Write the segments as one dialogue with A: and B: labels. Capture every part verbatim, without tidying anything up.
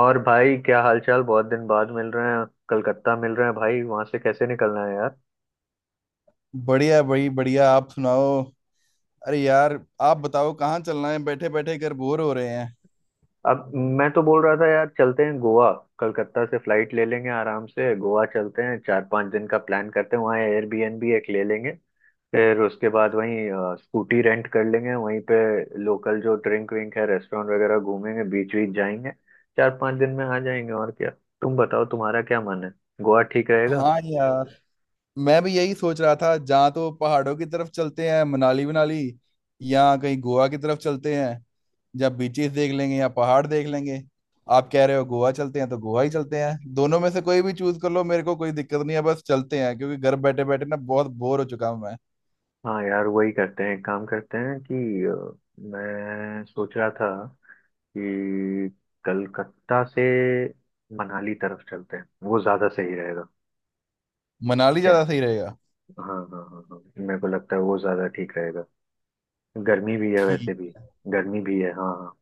A: और भाई, क्या हालचाल? बहुत दिन बाद मिल रहे हैं, कलकत्ता मिल रहे हैं भाई। वहां से कैसे निकलना है यार?
B: बढ़िया भाई बढ़िया। आप सुनाओ। अरे यार। आप बताओ कहाँ चलना है? बैठे बैठे घर बोर हो रहे हैं।
A: अब मैं तो बोल रहा था यार, चलते हैं गोवा। कलकत्ता से फ्लाइट ले लेंगे, आराम से गोवा चलते हैं। चार पांच दिन का प्लान करते हैं, वहाँ एयरबीएनबी एक ले लेंगे। फिर उसके बाद वहीं अ, स्कूटी रेंट कर लेंगे वहीं पे। लोकल जो ड्रिंक विंक है, रेस्टोरेंट वगैरह घूमेंगे, बीच बीच जाएंगे। चार पांच दिन में आ जाएंगे, और क्या। तुम बताओ, तुम्हारा क्या मन है? गोवा ठीक रहेगा?
B: हाँ यार, मैं भी यही सोच रहा था। जहाँ तो पहाड़ों की तरफ चलते हैं मनाली मनाली, या कहीं गोवा की तरफ चलते हैं। या बीचेस देख लेंगे या पहाड़ देख लेंगे। आप कह रहे हो गोवा चलते हैं तो गोवा ही चलते हैं। दोनों में से कोई भी चूज कर लो, मेरे को कोई दिक्कत नहीं है। बस चलते हैं क्योंकि घर बैठे बैठे ना बहुत बोर हो चुका हूं मैं।
A: हाँ यार, वही करते हैं। एक काम करते हैं कि अ, मैं सोच रहा था कि कलकत्ता से मनाली तरफ चलते हैं, वो ज़्यादा सही रहेगा।
B: मनाली
A: क्या?
B: ज्यादा सही रहेगा।
A: हाँ हाँ हाँ हाँ। मेरे को लगता है वो ज़्यादा ठीक रहेगा। गर्मी भी है
B: ठीक।
A: वैसे भी। गर्मी भी है, हाँ हाँ।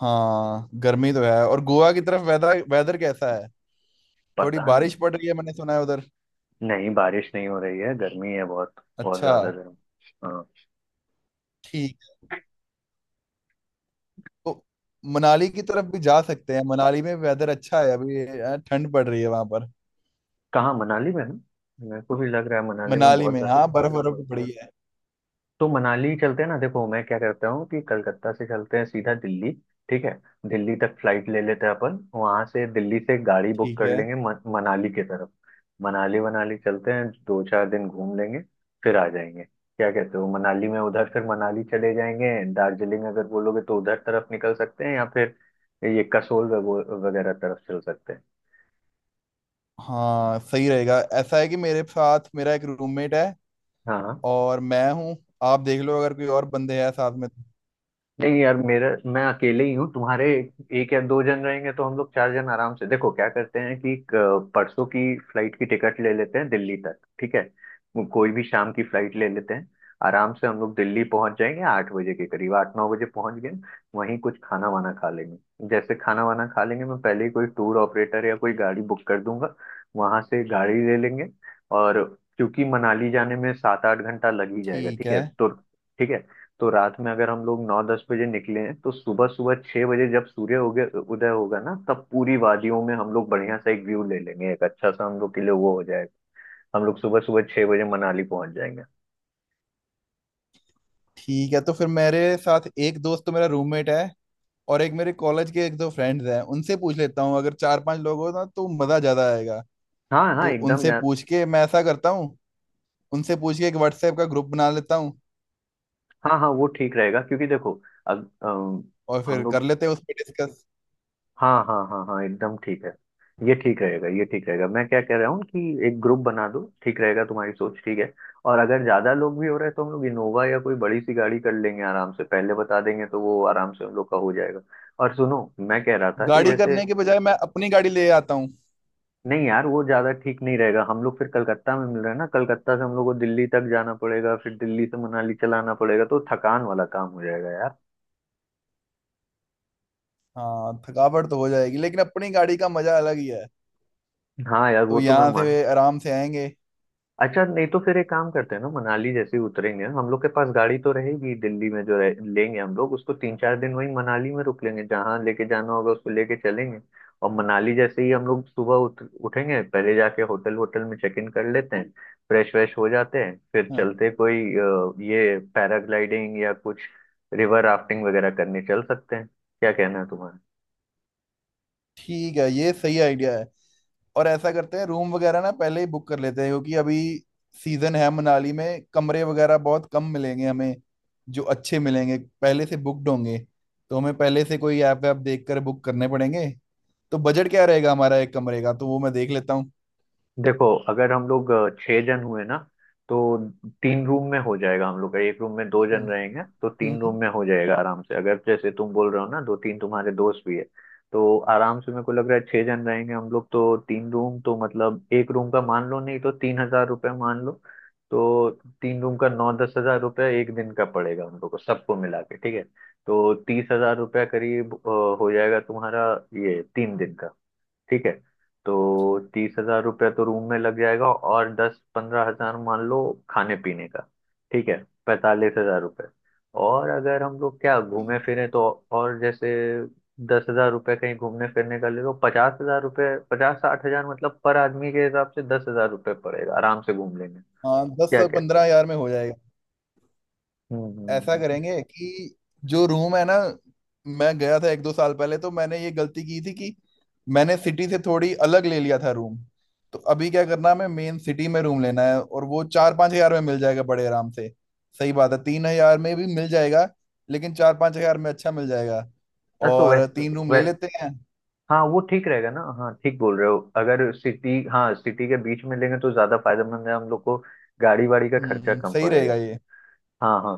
B: हाँ गर्मी तो है। और गोवा की तरफ वेदर वेदर कैसा है? थोड़ी
A: पता नहीं।
B: बारिश पड़ रही है, मैंने सुना है उधर।
A: नहीं, बारिश नहीं हो रही है, गर्मी है बहुत। बहुत
B: अच्छा।
A: ज़्यादा गर्म। हाँ।
B: ठीक। तो मनाली की तरफ भी जा सकते हैं। मनाली में वेदर अच्छा है अभी, अ, ठंड पड़ रही है वहां पर।
A: कहाँ, मनाली में है? मेरे को भी लग रहा है मनाली में
B: मनाली
A: बहुत।
B: में? हाँ बर्फ बर्फ भी पड़ी है।
A: तो मनाली चलते हैं ना। देखो मैं क्या करता हूँ कि कलकत्ता से चलते हैं सीधा दिल्ली। ठीक है। दिल्ली तक फ्लाइट ले लेते हैं अपन, वहां से दिल्ली से गाड़ी बुक
B: ठीक
A: कर
B: है।
A: लेंगे मन, मनाली की तरफ। मनाली वनाली चलते हैं, दो चार दिन घूम लेंगे। फिर आ जाएंगे, क्या कहते हो? मनाली में उधर फिर मनाली चले जाएंगे, दार्जिलिंग अगर बोलोगे तो उधर तरफ निकल सकते हैं, या फिर ये कसोल वगो- वगैरह तरफ चल सकते हैं।
B: हाँ सही रहेगा। ऐसा है कि मेरे साथ मेरा एक रूममेट है
A: हाँ हाँ।
B: और मैं हूँ। आप देख लो अगर कोई और बंदे हैं साथ में तो।
A: नहीं यार, मेरा मैं अकेले ही हूँ। तुम्हारे एक या दो जन रहेंगे तो हम लोग चार जन आराम से। देखो क्या करते हैं कि क- परसों की फ्लाइट की टिकट ले लेते हैं दिल्ली तक, ठीक है। वो कोई भी शाम की फ्लाइट ले लेते हैं। आराम से हम लोग दिल्ली पहुंच जाएंगे आठ बजे के करीब, आठ नौ बजे पहुंच गए। वहीं कुछ खाना वाना खा लेंगे। जैसे खाना वाना खा लेंगे, मैं पहले ही कोई टूर ऑपरेटर या कोई गाड़ी बुक कर दूंगा। वहां से गाड़ी ले लेंगे। और क्योंकि मनाली जाने में सात आठ घंटा लग ही जाएगा,
B: ठीक
A: ठीक है।
B: है।
A: तो ठीक है। तो रात में अगर हम लोग नौ दस बजे निकले हैं, तो सुबह सुबह छह बजे, जब सूर्य उगे उदय होगा ना, तब पूरी वादियों में हम लोग बढ़िया सा एक व्यू ले लेंगे, एक अच्छा सा हम लोग के लिए वो हो जाएगा। हम लोग सुबह सुबह छह बजे मनाली पहुंच जाएंगे।
B: ठीक है तो फिर मेरे साथ एक दोस्त तो मेरा रूममेट है और एक मेरे कॉलेज के एक दो फ्रेंड्स हैं। उनसे पूछ लेता हूँ, अगर चार पांच लोग हो ना तो मज़ा ज़्यादा आएगा।
A: हाँ हाँ,
B: तो
A: एकदम
B: उनसे
A: यार।
B: पूछ के मैं ऐसा करता हूँ, उनसे पूछ के एक व्हाट्सएप का ग्रुप बना लेता हूँ
A: हाँ हाँ, वो ठीक रहेगा क्योंकि देखो अब अम,
B: और
A: हम
B: फिर
A: लोग,
B: कर लेते हैं उस पर डिस्कस।
A: हाँ हाँ हाँ हाँ, एकदम ठीक है। ये ठीक रहेगा, ये ठीक रहेगा। मैं क्या कह रहा हूँ कि एक ग्रुप बना दो, ठीक रहेगा, तुम्हारी सोच ठीक है। और अगर ज्यादा लोग भी हो रहे हैं तो हम लोग इनोवा या कोई बड़ी सी गाड़ी कर लेंगे आराम से, पहले बता देंगे तो वो आराम से हम लोग का हो जाएगा। और सुनो, मैं कह रहा था कि
B: गाड़ी
A: जैसे,
B: करने के बजाय मैं अपनी गाड़ी ले आता हूँ।
A: नहीं यार, वो ज्यादा ठीक नहीं रहेगा। हम लोग फिर कलकत्ता में मिल रहे हैं ना, कलकत्ता से हम लोग को दिल्ली तक जाना पड़ेगा, फिर दिल्ली से मनाली चलाना पड़ेगा तो थकान वाला काम हो जाएगा यार।
B: हाँ थकावट तो हो जाएगी, लेकिन अपनी गाड़ी का मजा अलग ही है।
A: हाँ यार,
B: तो
A: वो तो मैं।
B: यहाँ से आराम से आएंगे।
A: अच्छा, नहीं तो फिर एक काम करते हैं ना, मनाली जैसे ही उतरेंगे हम लोग के पास गाड़ी तो रहेगी। दिल्ली में जो रहे, लेंगे हम लोग उसको तीन चार दिन वहीं मनाली में रुक लेंगे, जहाँ लेके जाना होगा उसको लेके चलेंगे। और मनाली जैसे ही हम लोग सुबह उठ, उठेंगे पहले जाके होटल वोटल में चेक इन कर लेते हैं। फ्रेश व्रेश हो जाते हैं, फिर
B: हाँ।
A: चलते कोई अ, ये पैराग्लाइडिंग या कुछ रिवर राफ्टिंग वगैरह करने चल सकते हैं। क्या कहना है तुम्हारा?
B: ठीक है, ये सही आइडिया है। और ऐसा करते हैं रूम वगैरह ना पहले ही बुक कर लेते हैं, क्योंकि अभी सीजन है मनाली में कमरे वगैरह बहुत कम मिलेंगे हमें। जो अच्छे मिलेंगे पहले से बुकड होंगे। तो हमें पहले से कोई ऐप वैप देख कर बुक करने पड़ेंगे। तो बजट क्या रहेगा हमारा एक कमरे का, तो वो मैं देख लेता हूँ।
A: देखो अगर हम लोग अ, छह जन हुए ना, तो तीन रूम में हो जाएगा हम लोग का, एक रूम में दो जन
B: हम्म
A: रहेंगे तो तीन रूम
B: हम्म।
A: में हो जाएगा आराम से। अगर जैसे तुम बोल रहे हो ना, दो तीन तुम्हारे दोस्त भी है, तो आराम से। मेरे को लग रहा है छह जन रहेंगे हम लोग तो तीन रूम तो, मतलब एक रूम का मान लो, नहीं तो तीन हजार रुपये मान लो। तो तीन रूम का नौ दस हजार रुपये एक दिन का पड़ेगा हम लोग को सबको मिला के, ठीक है। तो तीस हजार रुपया करीब अ, हो जाएगा तुम्हारा, ये तीन दिन का, ठीक है। तो तीस हजार रुपया तो रूम में लग जाएगा, और दस पंद्रह हजार मान लो खाने पीने का, ठीक है। पैंतालीस हजार रुपये। और अगर हम लोग क्या घूमे फिरे तो, और जैसे दस हजार रुपये कहीं घूमने फिरने का ले लो, पचास हजार रुपये, पचास साठ हजार मतलब, पर आदमी के हिसाब से दस हजार रुपये पड़ेगा, आराम से घूम लेंगे।
B: हाँ दस
A: क्या
B: से
A: कहते हैं?
B: पंद्रह हजार में हो जाएगा।
A: हम्म हम्म,
B: ऐसा
A: हम्म।
B: करेंगे कि जो रूम है ना, मैं गया था एक दो साल पहले, तो मैंने ये गलती की थी कि मैंने सिटी से थोड़ी अलग ले लिया था रूम। तो अभी क्या करना है, हमें मेन सिटी में रूम लेना है और वो चार पांच हजार में मिल जाएगा बड़े आराम से। सही बात है, तीन हजार में भी मिल जाएगा लेकिन चार पांच हजार में अच्छा मिल जाएगा।
A: अ, तो
B: और
A: वैसे
B: तीन रूम ले
A: वै,
B: लेते हैं।
A: हाँ वो ठीक रहेगा ना। हाँ ठीक बोल रहे हो, अगर सिटी, हाँ, सिटी के बीच में लेंगे तो ज्यादा फायदेमंद है हम लोग को। गाड़ी वाड़ी का खर्चा
B: हम्म,
A: कम
B: सही रहेगा
A: पड़ेगा।
B: ये।
A: हाँ हाँ।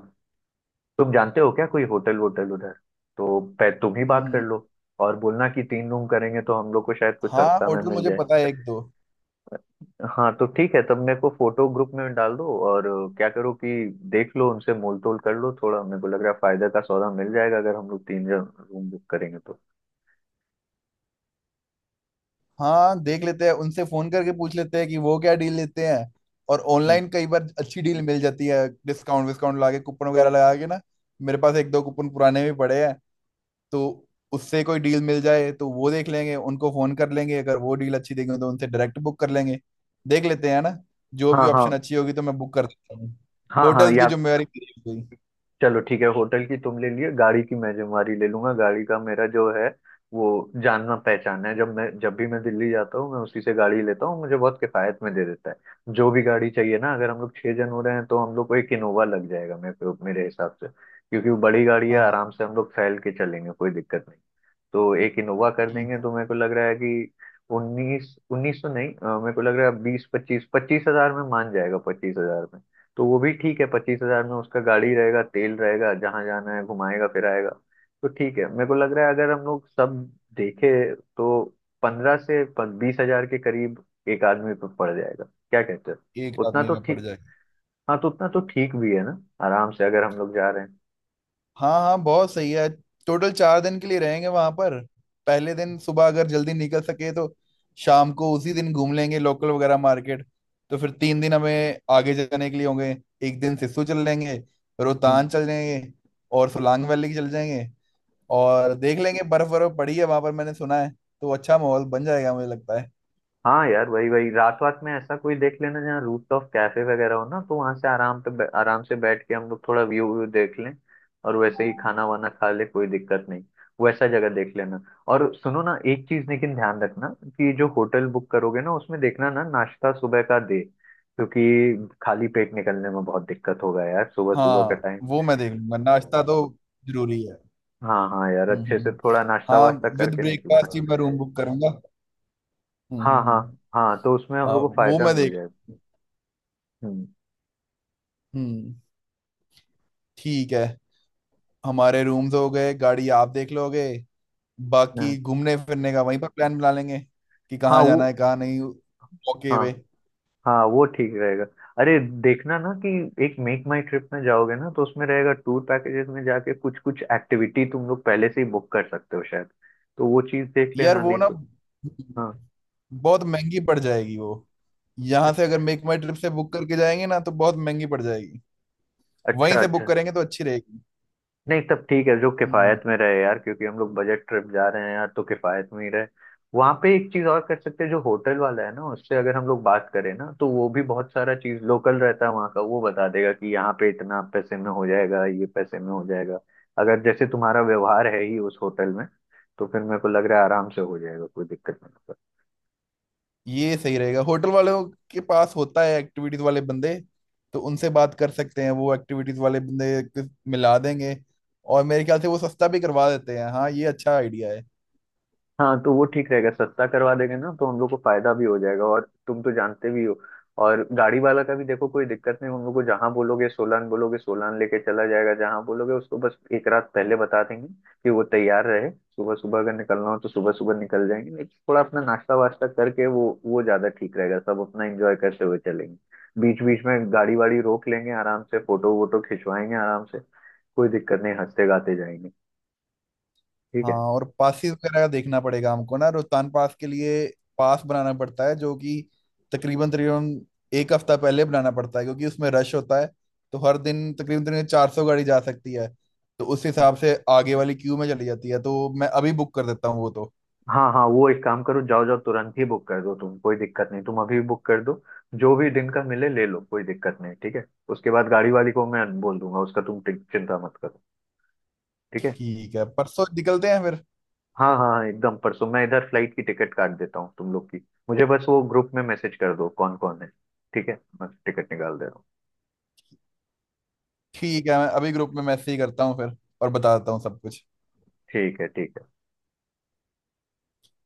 A: तुम जानते हो क्या कोई होटल वोटल उधर? तो पै तुम ही बात कर
B: हम्म।
A: लो। और बोलना कि तीन रूम करेंगे तो हम लोग को शायद कुछ
B: हाँ
A: सस्ता में
B: होटल
A: मिल
B: मुझे
A: जाए।
B: पता है एक दो।
A: हाँ तो ठीक है, तब मेरे को फोटो ग्रुप में डाल दो और अ, क्या करो कि देख लो उनसे मोल तोल कर लो थोड़ा, मेरे को लग रहा है फायदा का सौदा मिल जाएगा अगर हम लोग तीन जन रूम बुक करेंगे तो।
B: हाँ देख लेते हैं, उनसे फोन करके पूछ लेते हैं कि वो क्या डील लेते हैं। और
A: हम्म।
B: ऑनलाइन कई बार अच्छी डील मिल जाती है, डिस्काउंट विस्काउंट लगा के, कूपन वगैरह लगा के ना। मेरे पास एक दो कूपन पुराने भी पड़े हैं। तो उससे कोई डील मिल जाए तो वो देख लेंगे, उनको फोन कर लेंगे, अगर वो डील अच्छी देंगे तो उनसे डायरेक्ट बुक कर लेंगे। देख लेते हैं ना, जो भी
A: हाँ हाँ
B: ऑप्शन अच्छी होगी तो मैं बुक कर देता हूँ।
A: हाँ हाँ,
B: होटल की
A: या
B: जिम्मेवारी मेरी हो गई।
A: चलो ठीक है, होटल की तुम ले लिए, गाड़ी की मैं जिम्मेवारी ले लूंगा। गाड़ी का मेरा जो है वो जानना पहचाना है, जब मैं जब भी मैं दिल्ली जाता हूँ मैं उसी से गाड़ी लेता हूँ, मुझे बहुत किफायत में दे देता है जो भी गाड़ी चाहिए ना। अगर हम लोग छह जन हो रहे हैं तो हम लोग को एक इनोवा लग जाएगा मेरे मेरे हिसाब से, क्योंकि वो बड़ी गाड़ी है,
B: हाँ।
A: आराम से हम लोग फैल के चलेंगे, कोई दिक्कत नहीं। तो एक इनोवा कर
B: एक।
A: देंगे, तो मेरे को लग रहा है कि उन्नीस उन्नीस तो नहीं, अ, मेरे को लग रहा है बीस पच्चीस पच्चीस हजार में मान जाएगा, पच्चीस हजार। तो वो भी ठीक है, पच्चीस हजार में उसका गाड़ी रहेगा, तेल रहेगा, जहां जाना है घुमाएगा फिराएगा। तो ठीक है, मेरे को लग रहा है अगर हम लोग सब देखे तो पंद्रह से बीस हजार के करीब एक आदमी पर पड़ जाएगा, क्या कहते
B: एक
A: हो, उतना
B: आदमी
A: तो
B: में पड़
A: ठीक।
B: जाए।
A: हाँ तो उतना तो ठीक भी है ना। आराम से अगर हम लोग जा रहे
B: हाँ हाँ, बहुत सही है। टोटल चार दिन के लिए रहेंगे वहां पर। पहले दिन सुबह अगर जल्दी निकल सके तो शाम को उसी दिन घूम लेंगे लोकल वगैरह मार्केट। तो फिर तीन दिन हमें आगे जाने के लिए होंगे। एक दिन सिस्सू चल लेंगे, रोहतांग
A: हैं।
B: चल जाएंगे और सोलांग वैली चल जाएंगे। और देख लेंगे बर्फ बर्फ पड़ी है वहां पर मैंने सुना है। तो अच्छा माहौल बन जाएगा मुझे लगता है।
A: हाँ यार, वही वही रात रात में ऐसा कोई देख लेना जहाँ रूफटॉप कैफे वगैरह हो ना, तो वहां से आराम पे बै- आराम से बैठ के हम लोग थोड़ा व्यू व्यू देख लें। और वैसे ही खाना वाना खा ले, कोई दिक्कत नहीं। वैसा जगह देख लेना। और सुनो ना, एक चीज लेकिन ध्यान रखना कि जो होटल बुक करोगे ना उसमें देखना ना नाश्ता सुबह का दे, क्योंकि खाली पेट निकलने में बहुत दिक्कत होगा यार, सुबह सुबह का
B: हाँ
A: टाइम।
B: वो मैं देख लूंगा, नाश्ता तो जरूरी है।
A: हाँ हाँ यार,
B: हम्म
A: अच्छे
B: हम्म
A: से
B: हम्म।
A: थोड़ा नाश्ता
B: हाँ,
A: वास्ता
B: विद
A: करके निकलें।
B: ब्रेकफास्ट ही मैं रूम बुक करूंगा। हम्म
A: हाँ
B: हम्म,
A: हाँ।
B: हम्म।
A: हाँ तो उसमें हम
B: हाँ
A: लोग को
B: वो
A: फायदा
B: मैं
A: मिल
B: देख।
A: जाएगा। हम्म।
B: हम्म। ठीक है। हमारे रूम्स हो गए, गाड़ी आप देख लोगे, बाकी
A: हाँ
B: घूमने फिरने का वहीं पर प्लान बना लेंगे कि
A: हाँ,
B: कहाँ
A: वो,
B: जाना है कहाँ नहीं। ओके
A: हाँ
B: वे।
A: हाँ, वो ठीक रहेगा। अरे देखना ना कि एक मेक माई ट्रिप में जाओगे ना, तो उसमें रहेगा टूर पैकेजेस में जाके कुछ कुछ एक्टिविटी तुम लोग पहले से ही बुक कर सकते हो शायद। तो वो चीज देख
B: यार
A: लेना,
B: वो
A: नहीं
B: ना
A: तो। हाँ।
B: बहुत महंगी पड़ जाएगी वो। यहाँ से
A: अच्छा।
B: अगर मेक माई ट्रिप से बुक करके जाएंगे ना तो बहुत महंगी पड़ जाएगी। वहीं
A: अच्छा
B: से
A: अच्छा।
B: बुक करेंगे तो अच्छी रहेगी।
A: नहीं तब ठीक है, जो किफायत में रहे यार, क्योंकि हम लोग बजट ट्रिप जा रहे हैं यार, तो किफायत में ही रहे। वहां पे एक चीज और कर सकते हैं, जो होटल वाला है ना उससे अगर हम लोग बात करें ना, तो वो भी बहुत सारा चीज लोकल रहता है वहाँ का, वो बता देगा कि यहाँ पे इतना पैसे में हो जाएगा, ये पैसे में हो जाएगा। अगर जैसे तुम्हारा व्यवहार है ही उस होटल में, तो फिर मेरे को लग रहा है आराम से हो जाएगा, कोई दिक्कत नहीं।
B: ये सही रहेगा, होटल वालों के पास होता है एक्टिविटीज वाले बंदे। तो उनसे बात कर सकते हैं, वो एक्टिविटीज वाले बंदे को मिला देंगे। और मेरे ख्याल से वो सस्ता भी करवा देते हैं। हाँ ये अच्छा आइडिया है।
A: हाँ तो वो ठीक रहेगा, सस्ता करवा देंगे ना तो हम लोग को फायदा भी हो जाएगा, और तुम तो जानते भी हो। और गाड़ी वाला का भी देखो, कोई दिक्कत नहीं उन लोग को, जहाँ बोलोगे, सोलान बोलोगे सोलान लेके चला जाएगा, जहाँ बोलोगे उसको बस एक रात पहले बता देंगे कि वो तैयार रहे। सुबह सुबह अगर निकलना हो तो सुबह सुबह निकल जाएंगे, नहीं थोड़ा अपना नाश्ता वास्ता करके वो वो ज्यादा ठीक रहेगा, सब अपना एंजॉय करते हुए चलेंगे। बीच बीच में गाड़ी वाड़ी रोक लेंगे आराम से, फोटो वोटो खिंचवाएंगे आराम से। कोई दिक्कत नहीं, हंसते गाते जाएंगे। ठीक
B: हाँ और पासिस वगैरह का देखना पड़ेगा हमको ना, रोहतांग पास के लिए पास बनाना पड़ता है, जो कि तकरीबन तकरीबन एक हफ्ता पहले बनाना पड़ता है क्योंकि उसमें रश होता है। तो हर दिन तकरीबन तकरीबन चार सौ गाड़ी जा सकती है। तो उस
A: है।
B: हिसाब से आगे वाली क्यू में चली जाती है। तो मैं अभी बुक कर देता हूँ वो तो।
A: हाँ हाँ, वो एक काम करो, जाओ जाओ तुरंत ही बुक कर दो तुम, कोई दिक्कत नहीं, तुम अभी बुक कर दो। जो भी दिन का मिले ले लो, कोई दिक्कत नहीं, ठीक है। उसके बाद गाड़ी वाली को मैं बोल दूंगा उसका, तुम टिक- चिंता मत करो। ठीक है।
B: ठीक है, परसों निकलते हैं फिर।
A: हाँ हाँ हाँ, एकदम परसों मैं इधर फ्लाइट की टिकट काट देता हूँ तुम लोग की। मुझे बस वो ग्रुप में मैसेज कर दो कौन कौन है। ठीक है, मैं टिकट निकाल दे रहा हूँ।
B: ठीक है, मैं अभी ग्रुप में मैसेज ही करता हूँ फिर और बताता हूँ सब कुछ।
A: ठीक है ठीक है।